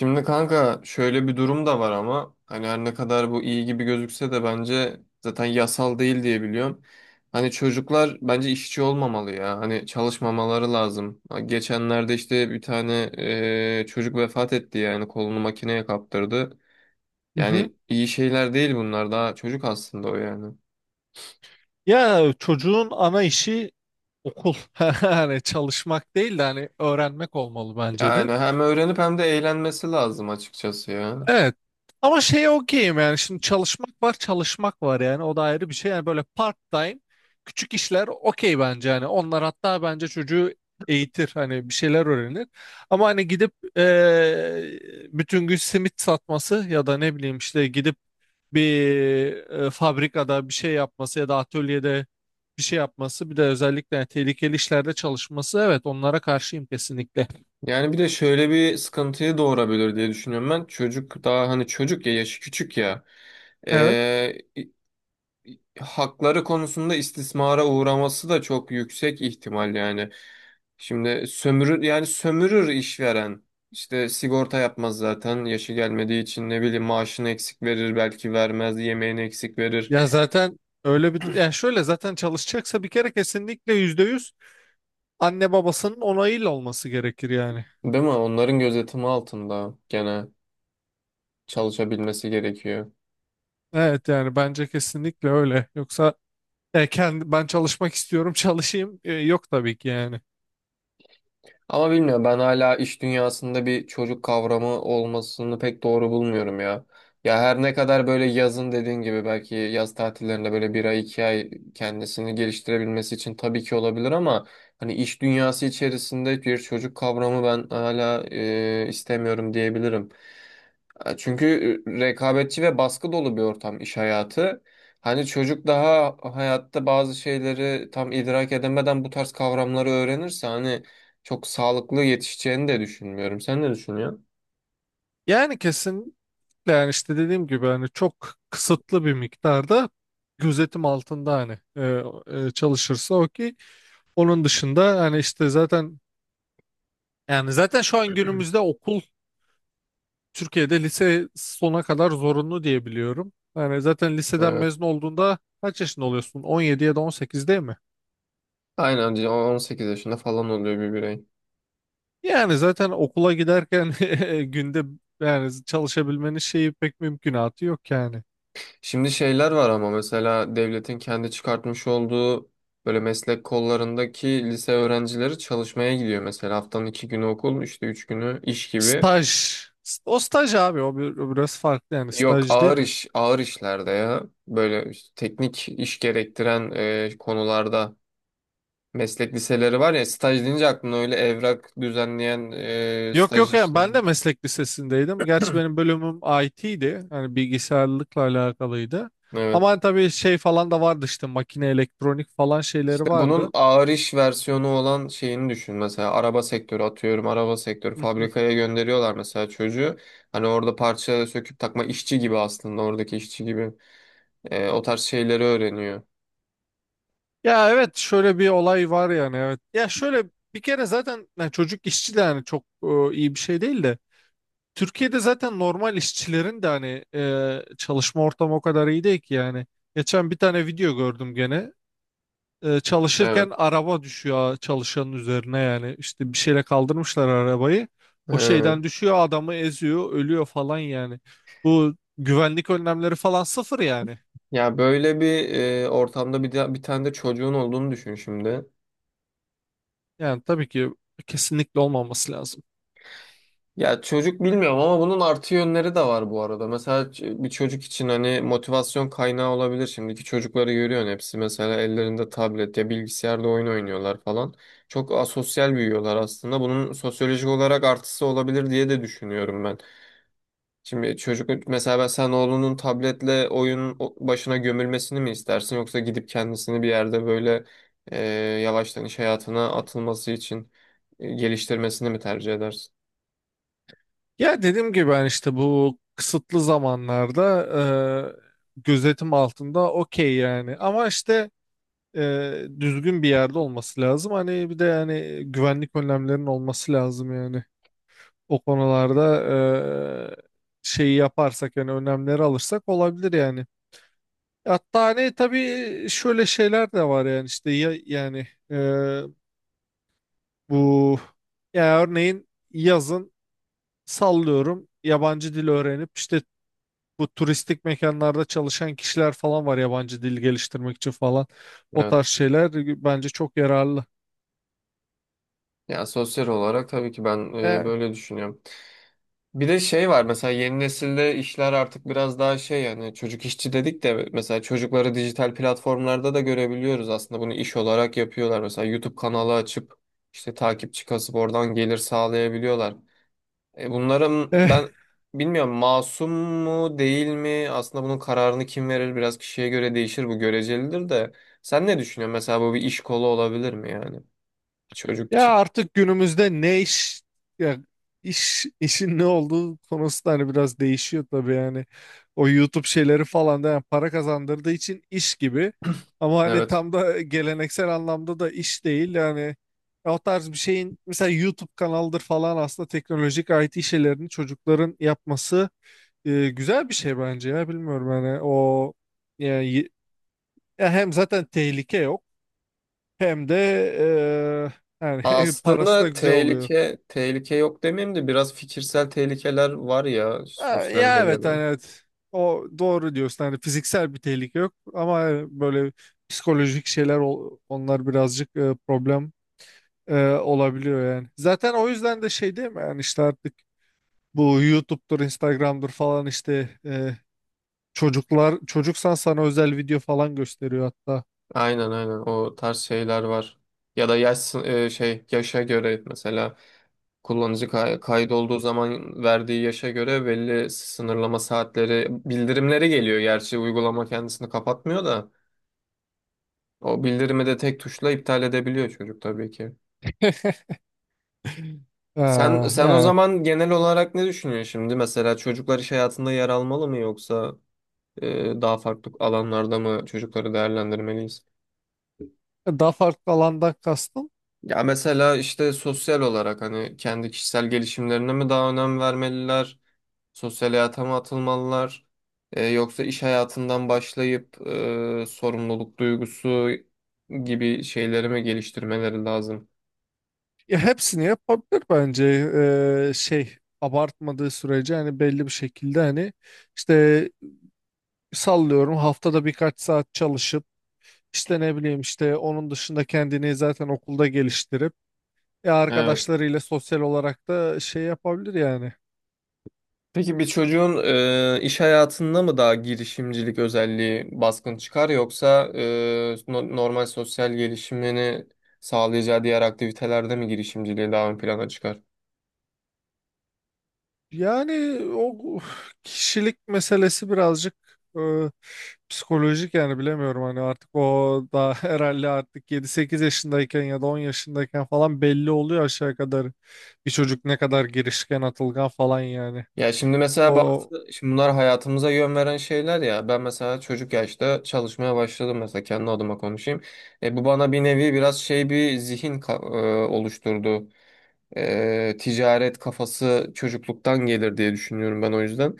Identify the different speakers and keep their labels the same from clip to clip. Speaker 1: Şimdi kanka şöyle bir durum da var ama hani her ne kadar bu iyi gibi gözükse de bence zaten yasal değil diye biliyorum. Hani çocuklar bence işçi olmamalı ya. Hani çalışmamaları lazım. Geçenlerde işte bir tane çocuk vefat etti yani kolunu makineye kaptırdı.
Speaker 2: Hı hı.
Speaker 1: Yani iyi şeyler değil bunlar daha çocuk aslında o yani.
Speaker 2: Ya çocuğun ana işi okul. Hani çalışmak değil de hani öğrenmek olmalı bence de.
Speaker 1: Yani hem öğrenip hem de eğlenmesi lazım açıkçası ya.
Speaker 2: Evet. Ama şey okeyim, yani şimdi çalışmak var çalışmak var, yani o da ayrı bir şey. Yani böyle part time küçük işler okey bence, hani onlar hatta bence çocuğu eğitir, hani bir şeyler öğrenir. Ama hani gidip bütün gün simit satması ya da ne bileyim işte gidip bir fabrikada bir şey yapması ya da atölyede bir şey yapması, bir de özellikle yani tehlikeli işlerde çalışması, evet onlara karşıyım kesinlikle.
Speaker 1: Yani bir de şöyle bir sıkıntıyı doğurabilir diye düşünüyorum ben. Çocuk daha hani çocuk ya yaşı küçük ya.
Speaker 2: Evet,
Speaker 1: Ee, Hakları konusunda istismara uğraması da çok yüksek ihtimal yani. Şimdi sömürür yani sömürür işveren. İşte sigorta yapmaz zaten yaşı gelmediği için ne bileyim maaşını eksik verir belki vermez yemeğini eksik verir.
Speaker 2: ya zaten öyle bir yani şöyle, zaten çalışacaksa bir kere kesinlikle %100 anne babasının onayıyla olması gerekir yani.
Speaker 1: Değil mi? Onların gözetimi altında gene çalışabilmesi gerekiyor.
Speaker 2: Evet, yani bence kesinlikle öyle, yoksa kendi, ben çalışmak istiyorum çalışayım yok, tabii ki yani.
Speaker 1: Ama bilmiyorum ben hala iş dünyasında bir çocuk kavramı olmasını pek doğru bulmuyorum ya. Ya her ne kadar böyle yazın dediğin gibi belki yaz tatillerinde böyle bir ay iki ay kendisini geliştirebilmesi için tabii ki olabilir ama hani iş dünyası içerisinde bir çocuk kavramı ben hala istemiyorum diyebilirim. Çünkü rekabetçi ve baskı dolu bir ortam iş hayatı. Hani çocuk daha hayatta bazı şeyleri tam idrak edemeden bu tarz kavramları öğrenirse hani çok sağlıklı yetişeceğini de düşünmüyorum. Sen ne düşünüyorsun?
Speaker 2: Yani kesinlikle, yani işte dediğim gibi hani çok kısıtlı bir miktarda gözetim altında hani çalışırsa, o ki onun dışında hani işte zaten, yani zaten şu an günümüzde okul Türkiye'de lise sona kadar zorunlu diye biliyorum. Yani zaten liseden
Speaker 1: Evet.
Speaker 2: mezun olduğunda kaç yaşında oluyorsun? 17 ya da 18 değil mi?
Speaker 1: Aynen 18 yaşında falan oluyor bir birey.
Speaker 2: Yani zaten okula giderken günde, yani çalışabilmenin şeyi pek mümkünatı yok yani.
Speaker 1: Şimdi şeyler var ama mesela devletin kendi çıkartmış olduğu böyle meslek kollarındaki lise öğrencileri çalışmaya gidiyor. Mesela haftanın iki günü okul, işte üç günü iş gibi.
Speaker 2: Staj. O staj abi, o, o biraz farklı, yani
Speaker 1: Yok
Speaker 2: staj değil
Speaker 1: ağır
Speaker 2: mi?
Speaker 1: iş, ağır işlerde ya. Böyle işte teknik iş gerektiren konularda meslek liseleri var ya staj deyince aklına öyle evrak düzenleyen
Speaker 2: Yok
Speaker 1: staj
Speaker 2: yok, yani
Speaker 1: işleri.
Speaker 2: ben de meslek lisesindeydim. Gerçi benim bölümüm IT'ydi, yani bilgisayarlıkla alakalıydı.
Speaker 1: Evet.
Speaker 2: Ama hani tabii şey falan da vardı, işte makine, elektronik falan
Speaker 1: İşte
Speaker 2: şeyleri
Speaker 1: bunun
Speaker 2: vardı.
Speaker 1: ağır iş versiyonu olan şeyini düşün. Mesela araba sektörü atıyorum. Araba sektörü fabrikaya gönderiyorlar mesela çocuğu. Hani orada parça söküp takma işçi gibi aslında oradaki işçi gibi. O tarz şeyleri öğreniyor.
Speaker 2: Ya evet, şöyle bir olay var yani, evet. Ya şöyle bir kere, zaten yani çocuk işçi de yani çok iyi bir şey değil de, Türkiye'de zaten normal işçilerin de hani çalışma ortamı o kadar iyi değil ki yani. Geçen bir tane video gördüm gene.
Speaker 1: Evet.
Speaker 2: Çalışırken araba düşüyor çalışanın üzerine, yani işte bir şeyle kaldırmışlar arabayı. O
Speaker 1: Ee,
Speaker 2: şeyden düşüyor, adamı eziyor, ölüyor falan yani. Bu güvenlik önlemleri falan sıfır yani.
Speaker 1: Ya böyle bir ortamda bir tane de çocuğun olduğunu düşün şimdi.
Speaker 2: Yani tabii ki kesinlikle olmaması lazım.
Speaker 1: Ya çocuk bilmiyorum ama bunun artı yönleri de var bu arada. Mesela bir çocuk için hani motivasyon kaynağı olabilir. Şimdiki çocukları görüyorsun hepsi mesela ellerinde tablet ya bilgisayarda oyun oynuyorlar falan. Çok asosyal büyüyorlar aslında. Bunun sosyolojik olarak artısı olabilir diye de düşünüyorum ben. Şimdi çocuk mesela ben sen oğlunun tabletle başına gömülmesini mi istersin yoksa gidip kendisini bir yerde böyle e, yavaştan iş hayatına atılması için geliştirmesini mi tercih edersin?
Speaker 2: Ya dediğim gibi ben işte bu kısıtlı zamanlarda gözetim altında okey yani. Ama işte düzgün bir yerde olması lazım. Hani bir de yani güvenlik önlemlerinin olması lazım yani. O konularda şeyi yaparsak, yani önlemleri alırsak olabilir yani. Hatta hani tabii şöyle şeyler de var yani, işte ya, yani bu, ya örneğin yazın sallıyorum yabancı dil öğrenip işte, bu turistik mekanlarda çalışan kişiler falan var, yabancı dil geliştirmek için falan. O
Speaker 1: Evet.
Speaker 2: tarz şeyler bence çok yararlı.
Speaker 1: Ya sosyal olarak tabii ki ben
Speaker 2: E,
Speaker 1: böyle düşünüyorum. Bir de şey var mesela yeni nesilde işler artık biraz daha şey yani çocuk işçi dedik de mesela çocukları dijital platformlarda da görebiliyoruz aslında bunu iş olarak yapıyorlar. Mesela YouTube kanalı açıp işte takipçi kasıp oradan gelir sağlayabiliyorlar. Bunların ben
Speaker 2: eh,
Speaker 1: bilmiyorum masum mu değil mi aslında bunun kararını kim verir biraz kişiye göre değişir bu görecelidir de sen ne düşünüyorsun mesela bu bir iş kolu olabilir mi yani bir çocuk
Speaker 2: ya
Speaker 1: için?
Speaker 2: artık günümüzde ne iş, ya iş, işin ne olduğu konusu da hani biraz değişiyor tabii yani. O YouTube şeyleri falan da yani para kazandırdığı için iş gibi. Ama hani
Speaker 1: Evet.
Speaker 2: tam da geleneksel anlamda da iş değil yani. Ya o tarz bir şeyin, mesela YouTube kanalıdır falan, aslında teknolojik IT şeylerini çocukların yapması güzel bir şey bence ya, bilmiyorum hani o, yani ya, hem zaten tehlike yok, hem de yani parası da
Speaker 1: Aslında
Speaker 2: güzel oluyor.
Speaker 1: tehlike yok demeyeyim de biraz fikirsel tehlikeler var ya
Speaker 2: Ha,
Speaker 1: sosyal
Speaker 2: ya evet hani,
Speaker 1: medyada.
Speaker 2: evet. O doğru diyorsun, hani fiziksel bir tehlike yok, ama hani böyle psikolojik şeyler onlar birazcık problem olabiliyor yani. Zaten o yüzden de şey değil mi yani, işte artık bu YouTube'dur, Instagram'dır falan, işte çocuklar, çocuksan sana özel video falan gösteriyor hatta.
Speaker 1: Aynen, aynen, o tarz şeyler var. Ya da yaş sın- e, şey yaşa göre mesela kaydolduğu zaman verdiği yaşa göre belli sınırlama saatleri bildirimleri geliyor. Gerçi uygulama kendisini kapatmıyor da o bildirimi de tek tuşla iptal edebiliyor çocuk tabii ki.
Speaker 2: Ee,
Speaker 1: Sen o
Speaker 2: yani
Speaker 1: zaman genel olarak ne düşünüyorsun şimdi? Mesela çocuklar iş hayatında yer almalı mı yoksa daha farklı alanlarda mı çocukları değerlendirmeliyiz?
Speaker 2: daha farklı alandan kastım.
Speaker 1: Ya mesela işte sosyal olarak hani kendi kişisel gelişimlerine mi daha önem vermeliler? Sosyal hayata mı atılmalılar? Yoksa iş hayatından başlayıp sorumluluk duygusu gibi şeyleri mi geliştirmeleri lazım?
Speaker 2: Ya hepsini yapabilir bence. Şey abartmadığı sürece, hani belli bir şekilde, hani işte sallıyorum haftada birkaç saat çalışıp işte, ne bileyim işte, onun dışında kendini zaten okulda geliştirip ya
Speaker 1: Evet.
Speaker 2: arkadaşlarıyla sosyal olarak da şey yapabilir yani.
Speaker 1: Peki bir çocuğun iş hayatında mı daha girişimcilik özelliği baskın çıkar yoksa normal sosyal gelişimini sağlayacağı diğer aktivitelerde mi girişimciliği daha ön plana çıkar?
Speaker 2: Yani o kişilik meselesi, birazcık e, psikolojik yani, bilemiyorum hani, artık o da herhalde artık 7 8 yaşındayken ya da 10 yaşındayken falan belli oluyor aşağı kadar, bir çocuk ne kadar girişken, atılgan falan yani.
Speaker 1: Ya şimdi mesela
Speaker 2: O,
Speaker 1: bazı şimdi bunlar hayatımıza yön veren şeyler ya ben mesela çocuk yaşta çalışmaya başladım mesela kendi adıma konuşayım. Bu bana bir nevi biraz şey bir zihin ka- e, oluşturdu. Ticaret kafası çocukluktan gelir diye düşünüyorum ben o yüzden.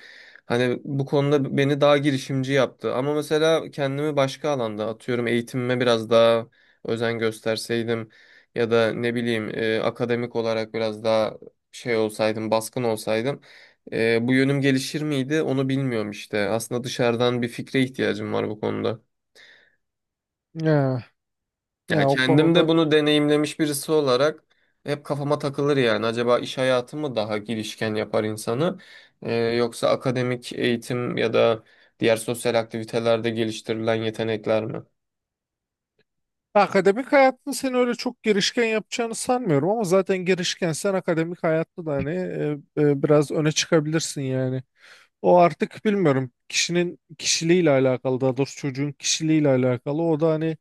Speaker 1: Hani bu konuda beni daha girişimci yaptı. Ama mesela kendimi başka alanda atıyorum eğitimime biraz daha özen gösterseydim ya da ne bileyim akademik olarak biraz daha baskın olsaydım bu yönüm gelişir miydi onu bilmiyorum işte. Aslında dışarıdan bir fikre ihtiyacım var bu konuda.
Speaker 2: ya,
Speaker 1: Ya
Speaker 2: ya o
Speaker 1: kendim de
Speaker 2: konuda
Speaker 1: bunu deneyimlemiş birisi olarak hep kafama takılır yani. Acaba iş hayatı mı daha girişken yapar insanı? Yoksa akademik eğitim ya da diğer sosyal aktivitelerde geliştirilen yetenekler mi?
Speaker 2: akademik hayatta seni öyle çok girişken yapacağını sanmıyorum, ama zaten girişkensen akademik hayatta da hani biraz öne çıkabilirsin yani. O artık bilmiyorum, kişinin kişiliğiyle alakalı, daha doğrusu çocuğun kişiliğiyle alakalı, o da hani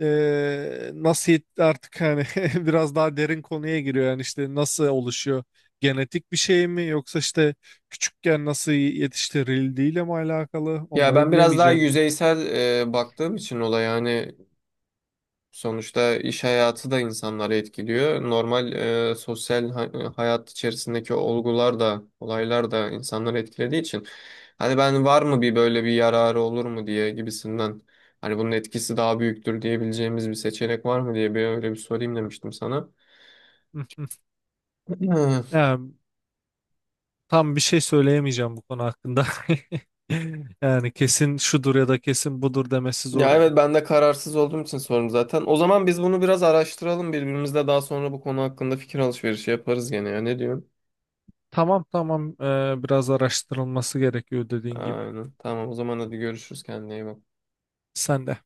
Speaker 2: nasıl artık hani biraz daha derin konuya giriyor yani, işte nasıl oluşuyor, genetik bir şey mi yoksa işte küçükken nasıl yetiştirildiğiyle mi alakalı,
Speaker 1: Ya
Speaker 2: onları
Speaker 1: ben biraz daha
Speaker 2: bilemeyeceğim ben.
Speaker 1: yüzeysel baktığım için olaya yani. Sonuçta iş hayatı da insanları etkiliyor. Normal hayat içerisindeki olgular da, olaylar da insanları etkilediği için. Hani ben var mı bir böyle bir yararı olur mu diye gibisinden. Hani bunun etkisi daha büyüktür diyebileceğimiz bir seçenek var mı diye bir öyle bir sorayım demiştim sana. Hmm.
Speaker 2: Yani tam bir şey söyleyemeyeceğim bu konu hakkında. Yani kesin şudur ya da kesin budur demesi zor
Speaker 1: Ya
Speaker 2: ya.
Speaker 1: evet ben de kararsız olduğum için sordum zaten. O zaman biz bunu biraz araştıralım, birbirimizle daha sonra bu konu hakkında fikir alışverişi yaparız gene, ya ne diyorsun?
Speaker 2: Tamam, tamam, biraz araştırılması gerekiyor dediğin gibi.
Speaker 1: Aynen. Tamam, o zaman hadi görüşürüz, kendine iyi bak.
Speaker 2: Sen de.